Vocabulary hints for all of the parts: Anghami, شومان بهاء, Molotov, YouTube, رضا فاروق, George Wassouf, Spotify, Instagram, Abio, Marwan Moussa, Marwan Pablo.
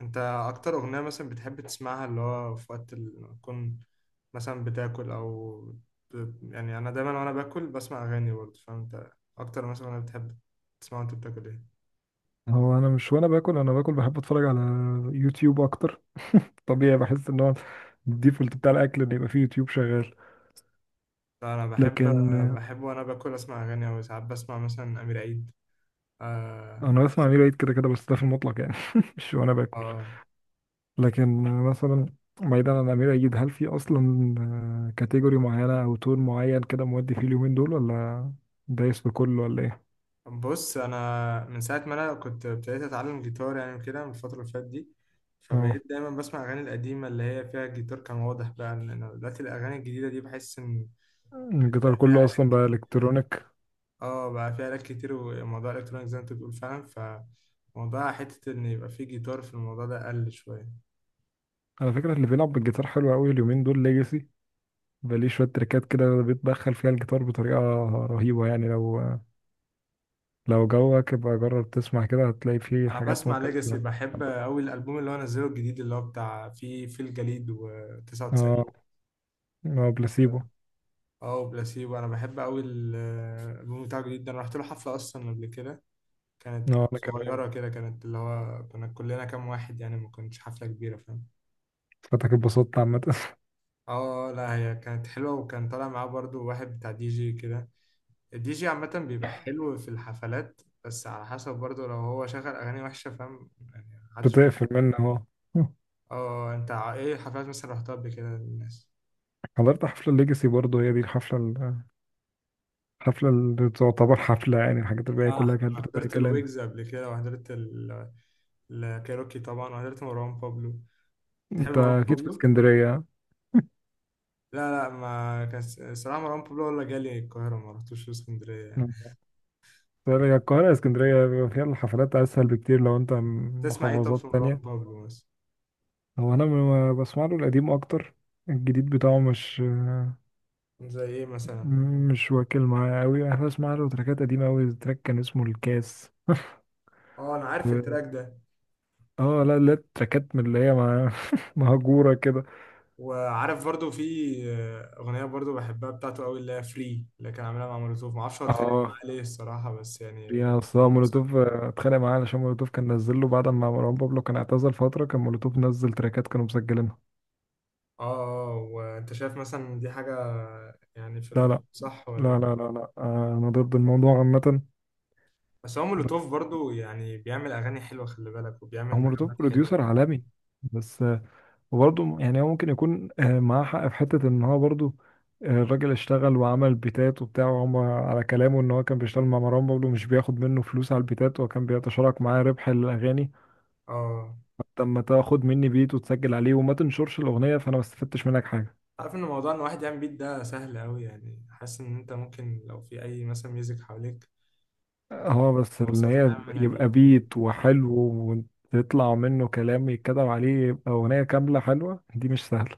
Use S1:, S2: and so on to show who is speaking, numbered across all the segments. S1: انت اكتر اغنية مثلا بتحب تسمعها اللي هو في وقت تكون مثلا بتاكل او يعني انا دايما وانا باكل بسمع اغاني برضه، فانت اكتر مثلا انا بتحب تسمع وانت بتاكل ايه؟
S2: هو انا مش وانا باكل انا باكل بحب اتفرج على يوتيوب اكتر. طبيعي، بحس ان هو الديفولت بتاع الاكل ان يبقى فيه يوتيوب شغال.
S1: لا، انا بحب
S2: لكن
S1: بحب وانا باكل اسمع اغاني، او ساعات بسمع مثلا امير عيد. آه...
S2: انا بسمع امير عيد كده كده، بس ده في المطلق يعني مش وانا باكل.
S1: اه،
S2: لكن مثلا بعيدا عن امير عيد، هل في اصلا كاتيجوري معينه او تون معين كده مودي فيه اليومين دول، ولا دايس بكله ولا ايه؟
S1: بص، انا من ساعة ما انا كنت ابتديت اتعلم جيتار يعني كده، من الفترة اللي فاتت دي،
S2: اه،
S1: فبقيت دايما بسمع اغاني القديمة اللي هي فيها الجيتار كان واضح بقى، لان أنا دلوقتي الاغاني الجديدة دي بحس ان
S2: الجيتار
S1: بقى
S2: كله
S1: فيها آلات
S2: اصلا بقى
S1: كتير.
S2: الكترونيك.
S1: اه، بقى في آلات كتير، وموضوع الالكترونيك زي ما انت بتقول فعلا، فموضوع حتة ان يبقى في جيتار في الموضوع ده قل شوية.
S2: على فكره، اللي بيلعب بالجيتار حلو قوي اليومين دول ليجاسي، بليه شوية تريكات كده بيتدخل فيها الجيتار بطريقة رهيبة. يعني لو جوك، يبقى جرب تسمع كده هتلاقي فيه
S1: انا
S2: حاجات
S1: بسمع
S2: ممكن
S1: ليجاسي، بحب قوي الالبوم اللي هو نزله الجديد اللي هو بتاع في الجليد
S2: اه
S1: و99.
S2: اه، بلاسيبو.
S1: اه، وبلاسيبو انا بحب قوي الالبوم بتاعه الجديد ده. انا رحت له حفلة اصلا قبل كده، كانت
S2: اه انا كمان
S1: صغيرة كده، كانت اللي هو كنا كلنا كام واحد يعني، ما كانتش حفلة كبيرة، فاهم؟
S2: فاتك، اتبسطت عامة
S1: اه لا، هي كانت حلوة، وكان طالع معاه برضو واحد بتاع دي جي كده. الدي جي عامة بيبقى حلو في الحفلات، بس على حسب برضه، لو هو شغل أغاني وحشة، فاهم يعني، محدش.
S2: بتقفل منه اهو.
S1: اه، انت ايه حفلات مثلا رحتها قبل كده للناس؟
S2: حضرت حفلة الليجاسي برضه، هي دي الحفلة الحفلة اللي تعتبر حفلة، يعني الحاجات الباقية
S1: اه،
S2: كلها كانت
S1: أنا
S2: بتبقى أي
S1: حضرت
S2: كلام.
S1: الويجز قبل كده وحضرت الكايروكي طبعا، وحضرت مروان بابلو. تحب
S2: انت
S1: مروان
S2: اكيد في
S1: بابلو؟
S2: اسكندرية.
S1: لا لا، ما كان س- الصراحة، مروان بابلو ولا جالي القاهرة، ما رحتوش اسكندرية يعني.
S2: طيب، هي القاهرة اسكندرية بيبقى فيها الحفلات اسهل بكتير لو انت من
S1: تسمع ايه طب
S2: محافظات
S1: في مروان
S2: تانية.
S1: بابلو مثلا؟
S2: هو انا بسمع له القديم اكتر، الجديد بتاعه مش
S1: زي ايه مثلا؟
S2: مش واكل معايا قوي. انا بسمع له تراكات قديمه قوي، تراك كان اسمه الكاس
S1: اه، انا عارف
S2: و...
S1: التراك ده.
S2: اه لا لا، تراكات من اللي هي مهجوره كده.
S1: وعارف برضو في أغنية برضو بحبها بتاعته قوي، اللي هي فري، اللي كان عاملها مع مولوتوف. معرفش هو اتخانق
S2: اه
S1: معاه ليه الصراحة، بس يعني
S2: يا،
S1: بحط
S2: اصلا
S1: إنه مثلا.
S2: مولوتوف اتخانق معاه علشان مولوتوف كان نزل له بعد ما مروان بابلو كان اعتزل فتره، كان مولوتوف نزل تراكات كانوا مسجلينها.
S1: اه. وانت شايف مثلا دي حاجة يعني في
S2: لا
S1: الأصول،
S2: لا
S1: صح ولا؟
S2: لا لا لا لا، انا ضد الموضوع عامه.
S1: بس هو
S2: ب-
S1: مولوتوف برضو يعني بيعمل أغاني حلوة، خلي بالك، وبيعمل
S2: هو مولوتوف
S1: نغمات حلوة.
S2: بروديوسر عالمي بس. وبرضه يعني هو ممكن يكون معاه حق في حتة إن هو برضه الراجل اشتغل وعمل بيتات وبتاع، وهم على كلامه إن هو كان بيشتغل مع مروان بابلو مش بياخد منه فلوس على البيتات، وكان بيتشارك معاه ربح الأغاني.
S1: اه،
S2: طب ما تاخد مني بيت وتسجل عليه وما تنشرش الأغنية، فأنا ما استفدتش منك حاجة.
S1: عارف ان موضوع ان واحد يعمل بيت ده سهل قوي يعني، حاسس ان انت ممكن لو في اي مثلا ميوزك حواليك
S2: اه، بس إن
S1: ببساطة
S2: هي
S1: تعمل منها
S2: يبقى
S1: بيت.
S2: بيت وحلو وتطلع منه كلام يتكتب عليه يبقى أغنية كاملة حلوة، دي مش سهلة.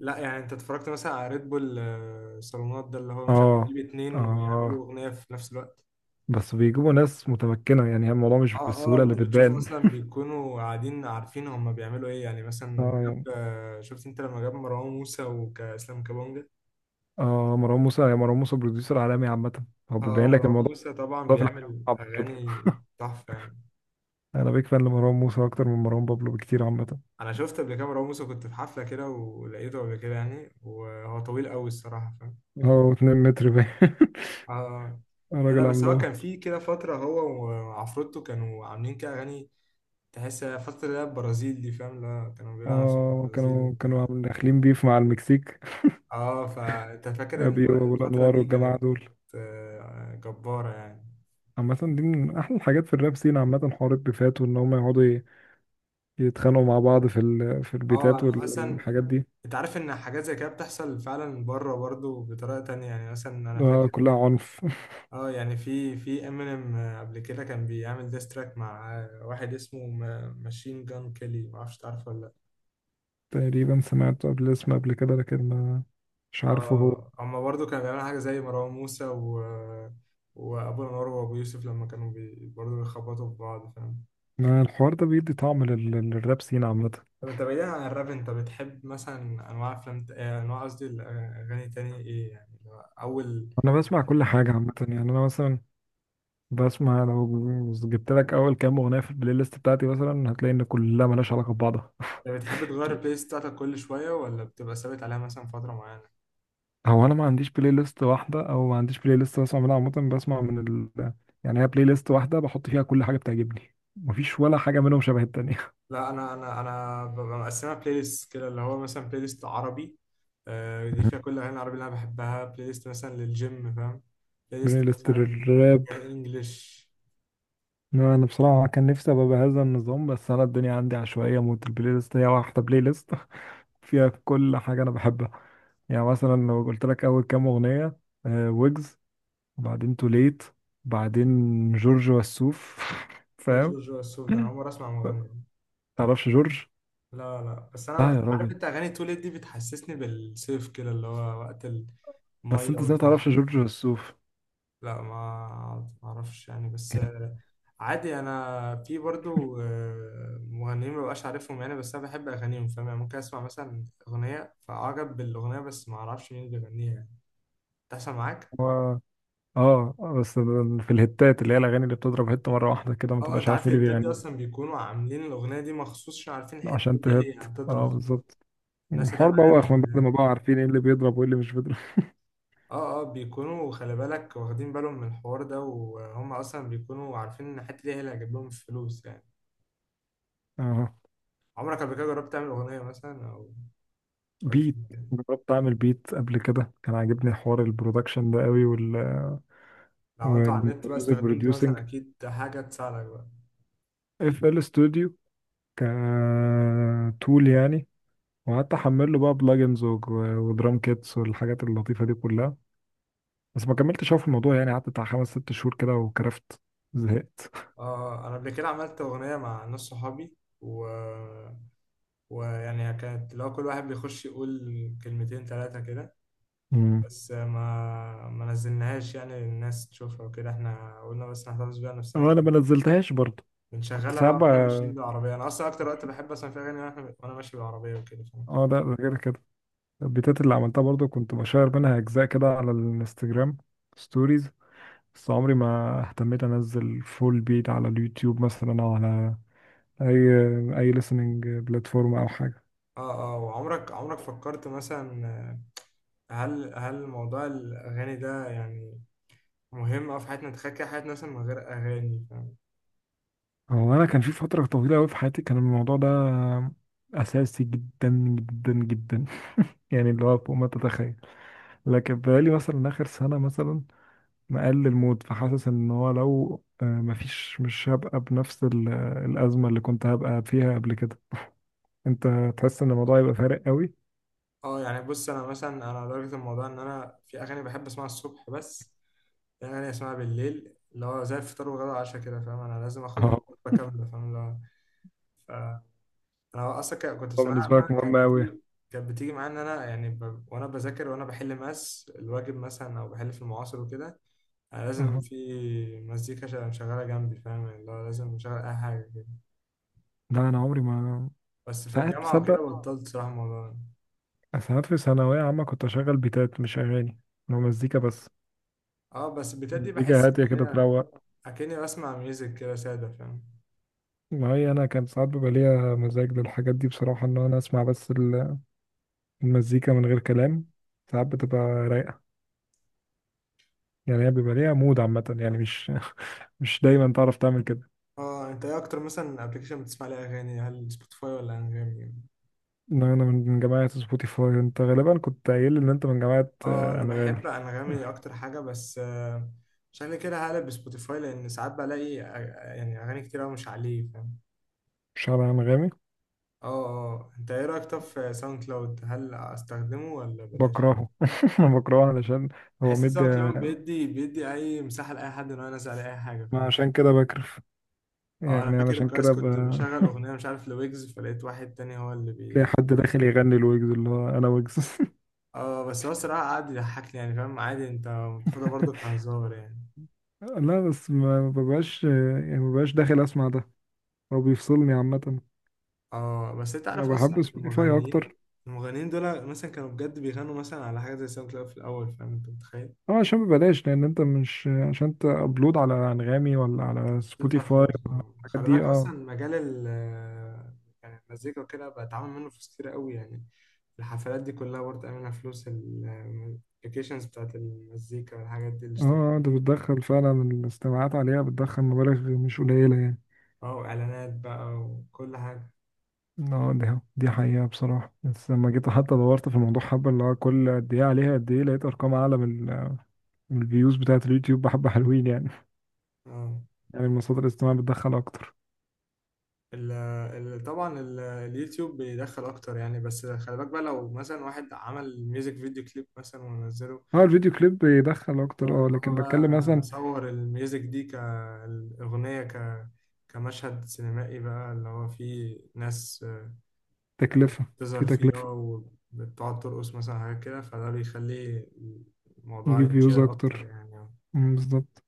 S1: لا يعني، انت اتفرجت مثلا على ريد بول صالونات ده اللي هو مش عارف،
S2: اه
S1: يجيب اتنين ويعملوا
S2: اه،
S1: اغنيه في نفس الوقت.
S2: بس بيجيبوا ناس متمكنة، يعني الموضوع مش
S1: اه، اه،
S2: بالسهولة اللي
S1: انت بتشوف
S2: بتبان.
S1: اصلا بيكونوا قاعدين عارفين هم بيعملوا ايه يعني، مثلا لما
S2: اه
S1: جاب
S2: يعني،
S1: آه، شفت انت لما جاب مروان موسى وكاسلام كابونجا.
S2: اه، مروان موسى، مروان موسى بروديوسر عالمي عامة، هو
S1: اه.
S2: بيبين لك
S1: مروان
S2: الموضوع
S1: موسى طبعا
S2: ده في الحاجة
S1: بيعمل
S2: صعبة كده.
S1: اغاني تحفه يعني.
S2: انا بيك فان لمروان موسى اكتر من مروان بابلو بكتير عامة.
S1: انا شفت قبل كده مروان موسى، كنت في حفله كده ولقيته قبل كده يعني، وهو طويل قوي الصراحه، فاهم؟
S2: هو 2 متر باين.
S1: اه، لا لا،
S2: راجل
S1: بس هو كان
S2: عملاق.
S1: في كده فتره، هو وعفروتو كانوا عاملين كده اغاني تحس فترة اللي هي البرازيل دي، فاهم؟ لا كانوا بيقولوا على نفسهم
S2: اه،
S1: البرازيل
S2: كانوا
S1: وبتاع.
S2: داخلين بيف مع المكسيك،
S1: اه، فانت فاكر ان
S2: ابيو وابو
S1: الفترة
S2: الانوار
S1: دي
S2: والجماعة
S1: كانت
S2: دول.
S1: جبارة يعني.
S2: عامة دي من احلى الحاجات في الراب سين عامة، حوار البيفات وان هم يقعدوا يتخانقوا مع بعض في في البيتات
S1: اه. انا مثلا،
S2: والحاجات دي.
S1: انت عارف ان حاجات زي كده بتحصل فعلا بره برضو بطريقة تانية يعني. مثلا انا
S2: آه،
S1: فاكر،
S2: كلها عنف
S1: اه يعني في امينيم قبل كده كان بيعمل ديستراك مع واحد اسمه ماشين جان كيلي، معرفش تعرفه ولا؟
S2: تقريبا سمعت قبل اسمه قبل كده، لكن ما مش عارفه هو.
S1: اه، هما برضه كانوا بيعملوا حاجة زي مروان موسى وأبو الأنوار وأبو يوسف لما كانوا برضه بيخبطوا في بعض، فاهم؟
S2: الحوار ده بيدي طعم للراب سين عامة.
S1: طب أنت بعيدا عن الراب، أنت بتحب مثلا أنواع أفلام أنواع، قصدي الأغاني، تاني إيه يعني اللي هو أول.
S2: أنا بسمع كل حاجة عامة، يعني أنا مثلا بسمع، لو جبت لك أول كام أغنية في البلاي ليست بتاعتي مثلا هتلاقي إن كلها ملهاش علاقة ببعضها.
S1: أنت بتحب تغير البلاي ليست بتاعتك كل شوية ولا بتبقى ثابت عليها مثلا فترة معينة؟
S2: هو أنا ما عنديش بلاي ليست واحدة، أو ما عنديش بلاي ليست بسمع منها عامة. بسمع من يعني هي بلاي ليست واحدة بحط فيها كل حاجة بتعجبني، مفيش ولا حاجة منهم شبه التانية.
S1: لا، أنا ببقى مقسمها بلاي ليست كده، اللي هو مثلا بلاي ليست عربي، دي فيها كل الأغاني العربي اللي أنا بحبها. بلاي ليست مثلا للجيم، فاهم. بلاي
S2: بلاي
S1: ليست
S2: ليست
S1: مثلا
S2: الراب.
S1: فيها إنجلش.
S2: لا، انا بصراحه كان نفسي ابقى بهذا النظام، بس انا الدنيا عندي عشوائيه موت، البلاي ليست هي واحده، بلاي ليست فيها كل حاجه انا بحبها. يعني مثلا لو قلت لك اول كام اغنيه، ويجز، وبعدين توليت، بعدين جورج وسوف
S1: ايه
S2: فاهم؟
S1: جورج وسوف ده؟ انا عمري اسمع مغني.
S2: تعرفش جورج؟
S1: لا لا، بس انا
S2: لا يا
S1: عارف.
S2: راجل.
S1: انت اغاني توليت دي بتحسسني بالصيف كده، اللي هو وقت
S2: بس
S1: الميه
S2: انت ازاي
S1: والبحر.
S2: متعرفش جورج وسوف؟
S1: لا، ما اعرفش يعني، بس
S2: يعني
S1: عادي. انا في برضو مغنيين ما بقاش عارفهم يعني، بس انا بحب اغانيهم، فاهم يعني؟ ممكن اسمع مثلا اغنيه فاعجب بالاغنيه، بس ما اعرفش مين اللي بيغنيها يعني. تحصل معاك.
S2: هو، اه بس في الهتات اللي هي الاغاني اللي بتضرب هت مره واحده كده، ما
S1: اه،
S2: تبقاش
S1: انت
S2: عارف
S1: عارف
S2: مين اللي
S1: الهيتات دي
S2: بيغني
S1: اصلا بيكونوا عاملين الاغنيه دي مخصوص، عشان عارفين الحته
S2: عشان
S1: دي
S2: تهت.
S1: هي
S2: اه،
S1: هتضرب،
S2: بالظبط.
S1: الناس
S2: الحوار
S1: هتعمل
S2: بقى من بعد
S1: عليها.
S2: ما بقى عارفين ايه اللي بيضرب وايه اللي مش بيضرب.
S1: اه اه، بيكونوا خلي بالك واخدين بالهم من الحوار ده، وهم اصلا بيكونوا عارفين ان الحته دي هي اللي هتجيب لهم الفلوس يعني.
S2: اه،
S1: عمرك قبل كده جربت تعمل اغنيه مثلا او فكرت في
S2: بيت.
S1: الموضوع ده؟
S2: جربت اعمل بيت قبل كده، كان عاجبني حوار البرودكشن ده قوي
S1: لو عملته على النت بقى
S2: والميوزك
S1: استخدمت مثلا
S2: بروديوسنج.
S1: اكيد حاجه تساعدك بقى.
S2: FL ستوديو، كتول يعني. وقعدت احمل له بقى بلجنز ودرام كيتس والحاجات اللطيفه دي كلها. بس ما كملتش أوي في الموضوع، يعني قعدت بتاع خمس ست شهور كده وكرفت، زهقت.
S1: اه اه، انا قبل كده عملت اغنيه مع ناس صحابي، و... ويعني كانت لو كل واحد بيخش يقول كلمتين ثلاثه كده،
S2: امم.
S1: بس ما نزلناهاش يعني الناس تشوفها وكده، احنا قلنا بس نحتفظ بيها نفسنا.
S2: اه انا ما نزلتهاش برضه. كنت
S1: بنشغلها
S2: ساعات
S1: بقى واحنا ماشيين
S2: بقى،
S1: بالعربية. أنا أصلا أكتر وقت بحب أسمع فيها أغاني وأنا ماشي بالعربية وكده، فاهم؟
S2: اه لا ده غير كده، البيتات اللي عملتها برضو كنت بشير منها اجزاء كده على الانستجرام ستوريز. بس عمري ما اهتميت انزل فول بيت على اليوتيوب مثلا او على اي اي listening بلاتفورم او حاجه.
S1: وعمرك فكرت مثلا هل موضوع الأغاني ده يعني مهم أوي في حياتنا؟ تخيل كده حياتنا مثلا من غير أغاني، فاهم.
S2: هو انا كان في فتره طويله قوي في حياتي كان الموضوع ده اساسي، جدا جدا جدا يعني اللي هو فوق ما تتخيل. لكن بقالي مثلا اخر سنه مثلا مقلل المود، فحاسس ان هو لو مفيش مش هبقى بنفس الازمه اللي كنت هبقى فيها قبل كده. انت تحس ان الموضوع يبقى فارق قوي؟
S1: آه، يعني بص، أنا مثلا، أنا لدرجة الموضوع إن أنا في أغاني بحب أسمعها الصبح بس، في أغاني أسمعها بالليل، اللي هو زي الفطار والغدا والعشاء كده، فاهم؟ أنا لازم آخد
S2: اه.
S1: الوجبة كاملة، فاهم اللي هو. انا اصلا كنت في
S2: هو
S1: ثانويه
S2: بالنسبه
S1: عامه.
S2: لك مهم
S1: كانت
S2: قوي؟
S1: بتيجي كانت بتيجي معايا ان انا يعني وانا بذاكر وانا بحل ماس الواجب مثلا او بحل في المعاصر وكده، انا لازم
S2: اه
S1: في مزيكا شغاله جنبي، فاهم يعني؟ اللي هو لازم اشغل اي حاجه كده.
S2: لا انا عمري ما.
S1: بس في
S2: ساعات
S1: الجامعه وكده
S2: تصدق،
S1: بطلت صراحه الموضوع ده.
S2: ساعات في ثانويه عامه كنت اشغل بيتات مش اغاني، لو مزيكا بس
S1: اه بس، بتاعت دي
S2: مزيكا
S1: بحس
S2: هاديه
S1: ان
S2: كده
S1: هي
S2: تروق.
S1: اكني بسمع ميوزك كده ساده، فاهم.
S2: ما هي انا كان ساعات بيبقى ليا مزاج للحاجات دي بصراحه، ان انا اسمع بس المزيكا من غير كلام. ساعات بتبقى رايقه، يعني هي بيبقى ليها مود عامه، يعني مش مش دايما تعرف تعمل كده.
S1: اه، انت ايه اكتر مثلا ابلكيشن بتسمع عليه اغاني، هل سبوتيفاي ولا انغامي؟
S2: ان انا من جماعه سبوتيفاي، انت غالبا كنت قايل لي ان انت من جماعه
S1: اه، انا
S2: انغامي.
S1: بحب انغامي اكتر حاجه، بس عشان كده هقلب سبوتيفاي، لان ساعات بلاقي يعني اغاني كتير أوي مش عليه، فاهم.
S2: شعر أنغامي.
S1: اه اه، انت ايه رايك طب في ساوند كلاود، هل استخدمه ولا بلاش؟
S2: بكرهه أنا بكرهه علشان هو
S1: بحس ان
S2: مدي.
S1: ساوند كلاود بيدي اي مساحه لاي حد ان هو ينزل عليه اي حاجه،
S2: ما
S1: فاهم.
S2: عشان كده بكرف،
S1: اه، انا
S2: يعني
S1: فاكر
S2: علشان
S1: كويس،
S2: كده
S1: كنت بشغل اغنيه مش عارف لويجز، فلقيت واحد تاني هو اللي
S2: تلاقي حد داخل يغني الويجز اللي هو أنا ويجز
S1: اه بس هو الصراحه قعد يضحكني يعني، فاهم؟ عادي، انت بتاخدها برضه كهزار يعني.
S2: لا، بس ما ببقاش يعني ما ببقاش داخل أسمع ده. هو بيفصلني عامة.
S1: اه، بس انت
S2: أنا
S1: عارف اصلا
S2: بحب سبوتيفاي
S1: المغنيين
S2: أكتر.
S1: المغنيين دول مثلا كانوا بجد بيغنوا مثلا على حاجه زي ساوند كلاود في الاول، فاهم؟ انت متخيل
S2: أه، عشان ببلاش. لأن أنت مش عشان تأبلود على أنغامي ولا على
S1: تدفع
S2: سبوتيفاي
S1: فلوس؟
S2: الحاجات
S1: خلي بالك،
S2: دي. أه.
S1: اصلا مجال ال آه، يعني المزيكا وكده بقى اتعامل منه فلوس كتير قوي يعني. الحفلات دي كلها برضه منها فلوس، الابلكيشنز بتاعت المزيكا والحاجات دي اللي اشتغل.
S2: أه، أنت بتدخل فعلا الاستماعات عليها بتدخل مبالغ مش قليلة يعني.
S1: اه، واعلانات بقى وكل حاجه.
S2: اه، دي حقيقة بصراحة. بس لما جيت حتى دورت في الموضوع حبة اللي هو كل قد ايه عليها قد ايه، لقيت ارقام اعلى من من الفيوز بتاعة اليوتيوب بحبة حلوين يعني.
S1: اه،
S2: يعني المصادر الاجتماعية بتدخل اكتر.
S1: ال ال طبعا اليوتيوب بيدخل اكتر يعني، بس خلي بالك بقى لو مثلا واحد عمل ميوزك فيديو كليب مثلا ونزله.
S2: اه الفيديو كليب بيدخل
S1: اه،
S2: اكتر، اه
S1: اللي هو
S2: لكن
S1: بقى
S2: بتكلم مثلا
S1: مصور الميوزك دي كأغنية كمشهد سينمائي بقى، اللي هو فيه ناس
S2: تكلفة، في
S1: بتظهر فيه،
S2: تكلفة
S1: اه، وبتقعد ترقص مثلا حاجات كده، فده بيخليه الموضوع
S2: يجيب فيوز
S1: يتشير أكتر
S2: اكتر.
S1: يعني.
S2: مم، بالظبط.